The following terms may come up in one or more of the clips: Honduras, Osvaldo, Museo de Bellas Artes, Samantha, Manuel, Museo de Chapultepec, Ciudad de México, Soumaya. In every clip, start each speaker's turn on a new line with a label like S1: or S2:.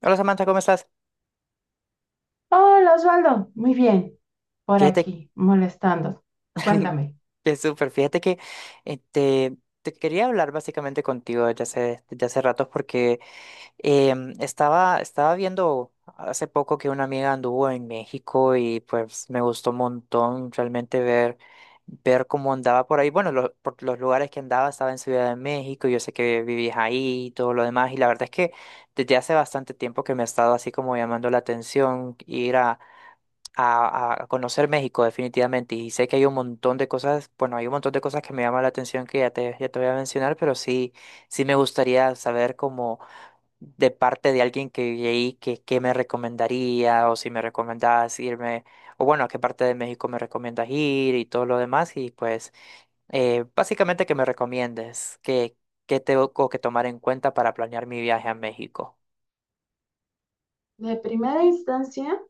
S1: Hola Samantha, ¿cómo estás?
S2: Hola Osvaldo, muy bien, por
S1: Fíjate,
S2: aquí, molestando. Cuéntame.
S1: que súper, fíjate que eh, te, te quería hablar básicamente contigo desde hace ratos porque estaba viendo hace poco que una amiga anduvo en México y pues me gustó un montón realmente ver cómo andaba por ahí. Bueno, por los lugares que andaba, estaba en Ciudad de México, yo sé que vivías ahí y todo lo demás, y la verdad es que desde hace bastante tiempo que me ha estado así como llamando la atención ir conocer México definitivamente, y sé que hay un montón de cosas, bueno, hay un montón de cosas que me llaman la atención que ya ya te voy a mencionar, pero sí, sí me gustaría saber como de parte de alguien que vive ahí, qué me recomendaría o si me recomendás irme, o bueno, a qué parte de México me recomiendas ir y todo lo demás, y pues básicamente que me recomiendes, que tengo que tomar en cuenta para planear mi viaje a México.
S2: De primera instancia,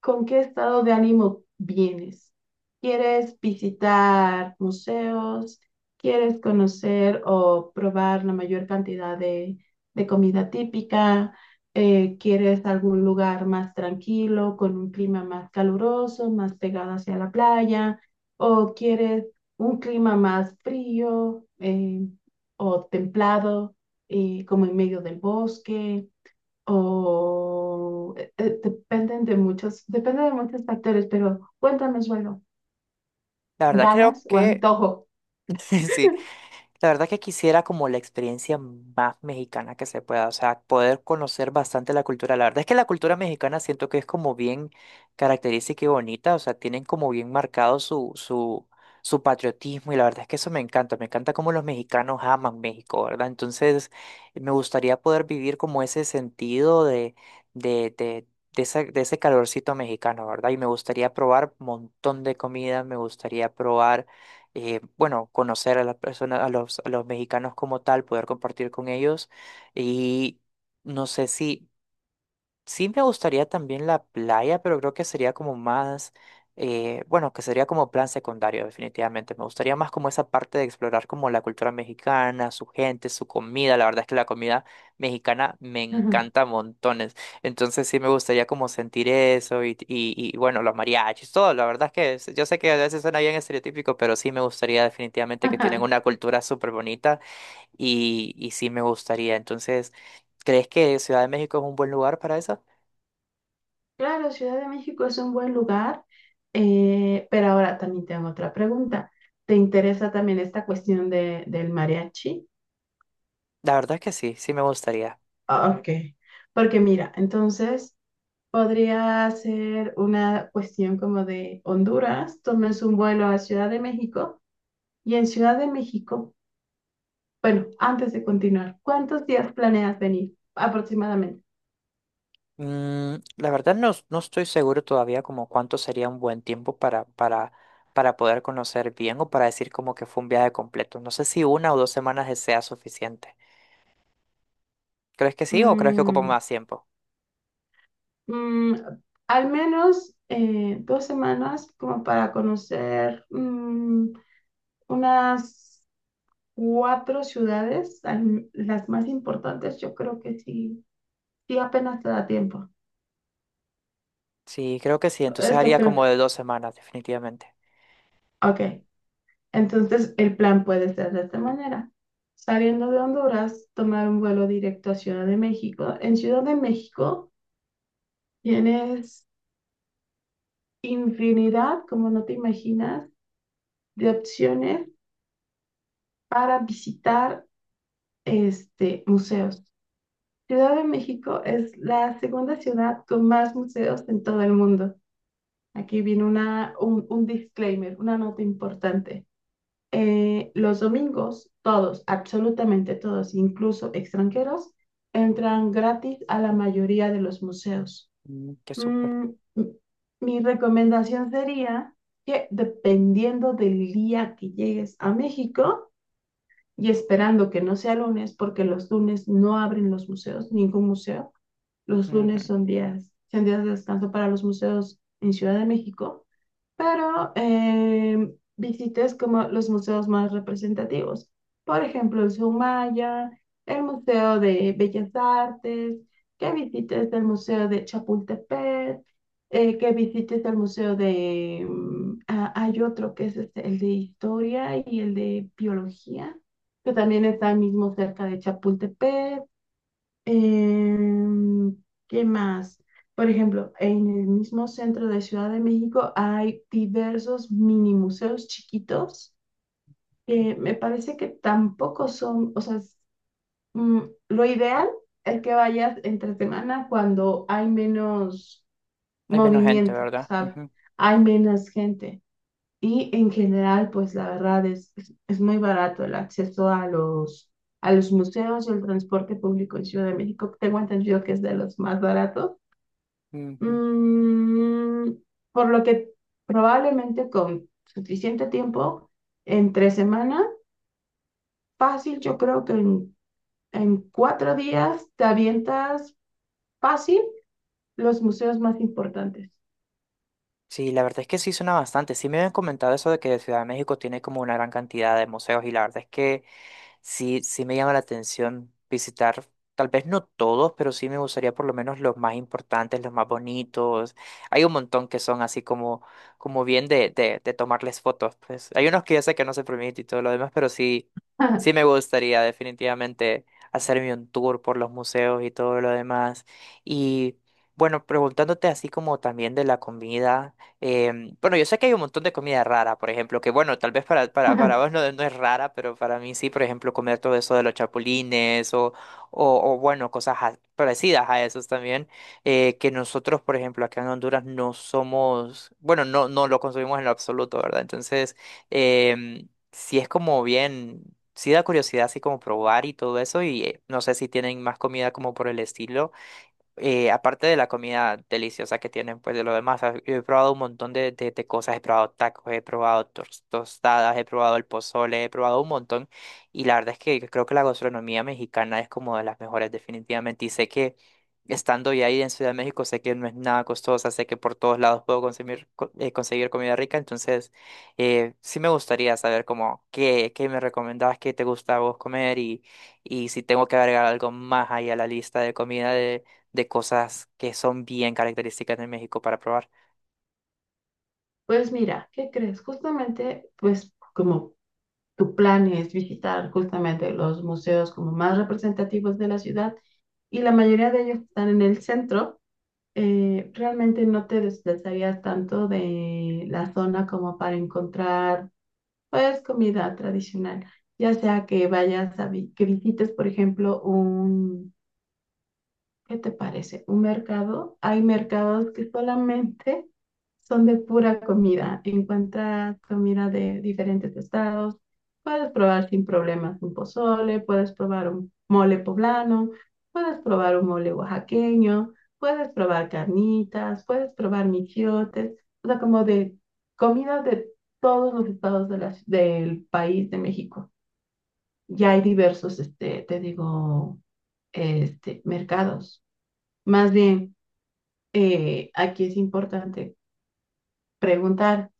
S2: ¿con qué estado de ánimo vienes? ¿Quieres visitar museos? ¿Quieres conocer o probar la mayor cantidad de comida típica? ¿Quieres algún lugar más tranquilo, con un clima más caluroso, más pegado hacia la playa? ¿O quieres un clima más frío o templado, como en medio del bosque? O depende de muchos factores, pero cuéntame, suelo,
S1: La verdad creo
S2: ¿ganas o
S1: que...
S2: antojo?
S1: Sí, la verdad que quisiera como la experiencia más mexicana que se pueda, o sea, poder conocer bastante la cultura. La verdad es que la cultura mexicana siento que es como bien característica y bonita, o sea, tienen como bien marcado su patriotismo y la verdad es que eso me encanta cómo los mexicanos aman México, ¿verdad? Entonces, me gustaría poder vivir como ese sentido de, de, de de ese calorcito mexicano, ¿verdad? Y me gustaría probar un montón de comida, me gustaría probar bueno, conocer a las personas, a los mexicanos como tal, poder compartir con ellos. Y no sé si sí me gustaría también la playa, pero creo que sería como más, bueno, que sería como plan secundario, definitivamente. Me gustaría más como esa parte de explorar como la cultura mexicana, su gente, su comida. La verdad es que la comida mexicana me encanta montones. Entonces sí me gustaría como sentir eso bueno, los mariachis, todo. La verdad es que yo sé que a veces suena bien estereotípico, pero sí me gustaría definitivamente que tienen
S2: Ajá.
S1: una cultura súper bonita, y sí me gustaría. Entonces, ¿crees que Ciudad de México es un buen lugar para eso?
S2: Claro, Ciudad de México es un buen lugar, pero ahora también tengo otra pregunta. ¿Te interesa también esta cuestión del mariachi?
S1: La verdad que sí, sí me gustaría.
S2: Ah, ok, porque mira, entonces podría ser una cuestión como de Honduras, tomes un vuelo a Ciudad de México y en Ciudad de México. Bueno, antes de continuar, ¿cuántos días planeas venir aproximadamente?
S1: Mm, la verdad no, no estoy seguro todavía como cuánto sería un buen tiempo para poder conocer bien o para decir como que fue un viaje completo. No sé si una o dos semanas sea suficiente. ¿Crees que sí o crees que ocupa
S2: Mm,
S1: más tiempo?
S2: mm, Al menos 2 semanas como para conocer unas cuatro ciudades, las más importantes, yo creo que sí, sí apenas te da tiempo.
S1: Sí, creo que sí. Entonces
S2: Esto
S1: haría
S2: creo
S1: como
S2: que.
S1: de dos semanas, definitivamente.
S2: Ok, entonces el plan puede ser de esta manera. Saliendo de Honduras, tomar un vuelo directo a Ciudad de México. En Ciudad de México tienes infinidad, como no te imaginas, de opciones para visitar museos. Ciudad de México es la segunda ciudad con más museos en todo el mundo. Aquí viene un disclaimer, una nota importante. Los domingos, todos, absolutamente todos, incluso extranjeros, entran gratis a la mayoría de los museos.
S1: Mm, qué súper.
S2: Mm, m- Mi recomendación sería que dependiendo del día que llegues a México y esperando que no sea lunes, porque los lunes no abren los museos, ningún museo, los lunes
S1: Ujú.
S2: son días de descanso para los museos en Ciudad de México, pero visites como los museos más representativos. Por ejemplo, el Soumaya, el Museo de Bellas Artes, que visites el Museo de Chapultepec, que visites el Museo de. Ah, hay otro que es este, el de Historia y el de Biología, que también está mismo cerca de Chapultepec. Em, ¿Qué más? Por ejemplo, en el mismo centro de Ciudad de México hay diversos mini museos chiquitos que me parece que tampoco son, o sea, es, mm, lo ideal es que vayas entre semana cuando hay menos
S1: Hay menos gente,
S2: movimiento,
S1: ¿verdad?
S2: ¿sabes?
S1: Ujú,
S2: Hay menos gente. Y en general, pues la verdad es muy barato el acceso a los museos y el transporte público en Ciudad de México. Tengo entendido que es de los más baratos.
S1: ujú.
S2: Mm, por lo que probablemente con suficiente tiempo, entre semana, fácil, yo creo que en 4 días te avientas fácil los museos más importantes.
S1: Sí, la verdad es que sí suena bastante. Sí me habían comentado eso de que Ciudad de México tiene como una gran cantidad de museos, y la verdad es que sí, sí me llama la atención visitar, tal vez no todos, pero sí me gustaría por lo menos los más importantes, los más bonitos. Hay un montón que son así como, como bien de tomarles fotos, pues. Hay unos que yo sé que no se permite y todo lo demás, pero sí, sí me gustaría definitivamente hacerme un tour por los museos y todo lo demás. Y bueno, preguntándote así como también de la comida. Bueno, yo sé que hay un montón de comida rara, por ejemplo, que bueno, tal vez para vos no, no es rara, pero para mí sí, por ejemplo, comer todo eso de los chapulines bueno, cosas parecidas a esos también, que nosotros, por ejemplo, acá en Honduras no somos, bueno, no, no lo consumimos en lo absoluto, ¿verdad? Entonces, sí es como bien, sí da curiosidad así como probar y todo eso, y no sé si tienen más comida como por el estilo, aparte de la comida deliciosa que tienen, pues. De lo demás, ah, yo he probado un montón de cosas, he probado tacos, he probado tostadas, he probado el pozole, he probado un montón, y la verdad es que creo que la gastronomía mexicana es como de las mejores definitivamente, y sé que estando ya ahí en Ciudad de México, sé que no es nada costosa, sé que por todos lados puedo consumir, conseguir comida rica. Entonces sí me gustaría saber como qué, qué me recomendabas, qué te gusta a vos comer y... y si tengo que agregar algo más ahí a la lista de comida, de cosas que son bien características de México para probar.
S2: Pues mira, ¿qué crees? Justamente, pues como tu plan es visitar justamente los museos como más representativos de la ciudad y la mayoría de ellos están en el centro, realmente no te desplazarías tanto de la zona como para encontrar pues comida tradicional, ya sea que vayas que visites, por ejemplo, un. ¿Qué te parece? Un mercado. Hay mercados que solamente son de pura comida. Encuentras comida de diferentes estados. Puedes probar sin problemas un pozole, puedes probar un mole poblano, puedes probar un mole oaxaqueño, puedes probar carnitas, puedes probar michiotes. O sea, como de comida de todos los estados del país de México. Ya hay diversos, te digo, mercados. Más bien, aquí es importante preguntar,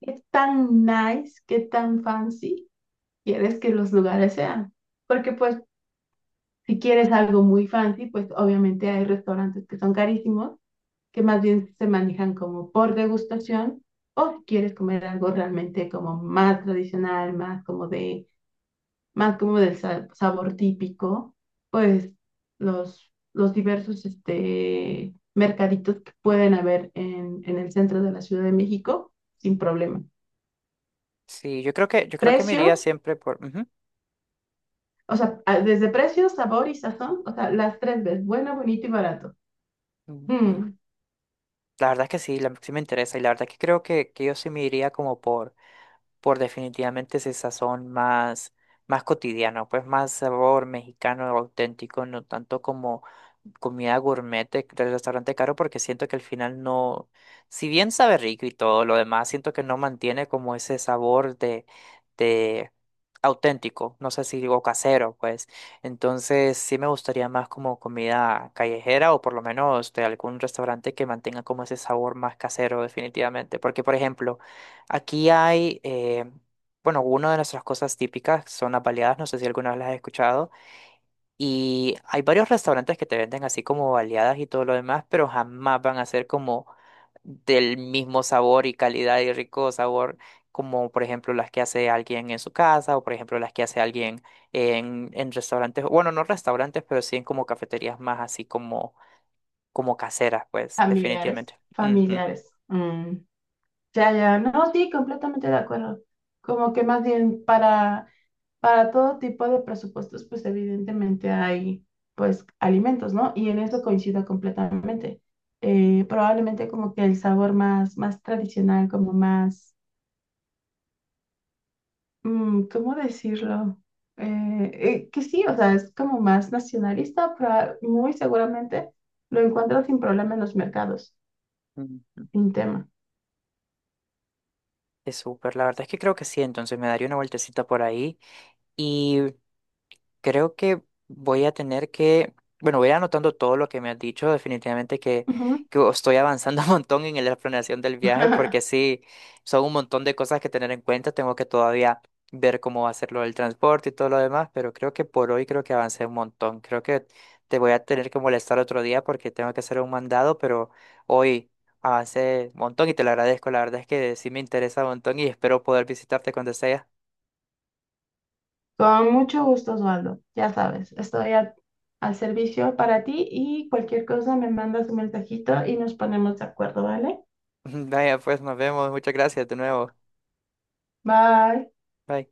S2: ¿qué tan nice, qué tan fancy quieres que los lugares sean? Porque pues si quieres algo muy fancy, pues obviamente hay restaurantes que son carísimos, que más bien se manejan como por degustación, o si quieres comer algo realmente como más tradicional, más como del sabor típico, pues los diversos mercaditos que pueden haber en el centro de la Ciudad de México, sin problema.
S1: Sí, yo creo que me iría
S2: Precio,
S1: siempre por... ujú,
S2: o sea, desde precio, sabor y sazón, o sea, las tres veces, bueno, bonito y barato.
S1: ujú.
S2: Mm,
S1: La verdad es que sí, la, sí me interesa y la verdad es que creo que yo sí me iría como por definitivamente ese sazón más, más cotidiano, pues más sabor mexicano auténtico, no tanto como comida gourmet del restaurante caro, porque siento que al final no, si bien sabe rico y todo lo demás, siento que no mantiene como ese sabor de auténtico, no sé si digo casero, pues. Entonces sí me gustaría más como comida callejera o por lo menos de algún restaurante que mantenga como ese sabor más casero definitivamente. Porque, por ejemplo, aquí hay, bueno, una de nuestras cosas típicas son las baleadas, no sé si alguna vez las has escuchado, y hay varios restaurantes que te venden así como baleadas y todo lo demás, pero jamás van a ser como del mismo sabor y calidad y rico sabor como por ejemplo las que hace alguien en su casa, o por ejemplo las que hace alguien en restaurantes, bueno, no restaurantes, pero sí en como cafeterías más así como, como caseras, pues
S2: Familiares,
S1: definitivamente. Ujú.
S2: familiares. Ya, ya, no, sí, completamente de acuerdo. Como que más bien para todo tipo de presupuestos, pues evidentemente hay pues alimentos, ¿no? Y en eso coincido completamente. Probablemente como que el sabor más, más tradicional, como más, ¿cómo decirlo? Que sí, o sea, es como más nacionalista, pero muy seguramente lo encuentro sin problema en los mercados,
S1: Mm.
S2: sin tema.
S1: Es súper, la verdad es que creo que sí, entonces me daría una vueltecita por ahí. Creo que voy a tener que, bueno, voy anotando todo lo que me has dicho, definitivamente, que,
S2: Ujú.
S1: que estoy avanzando un montón en la planeación del viaje, porque sí, son un montón de cosas que tener en cuenta, tengo que todavía ver cómo va a ser lo del transporte y todo lo demás, pero creo que por hoy creo que avancé un montón, creo que te voy a tener que molestar otro día porque tengo que hacer un mandado, pero hoy avancé un montón y te lo agradezco, la verdad es que sí me interesa un montón y espero poder visitarte cuando sea.
S2: Con mucho gusto, Osvaldo. Ya sabes, estoy al servicio para ti y cualquier cosa me mandas un mensajito y nos ponemos de acuerdo, ¿vale?
S1: Vaya, pues nos vemos, muchas gracias de nuevo.
S2: Bye.
S1: Bye.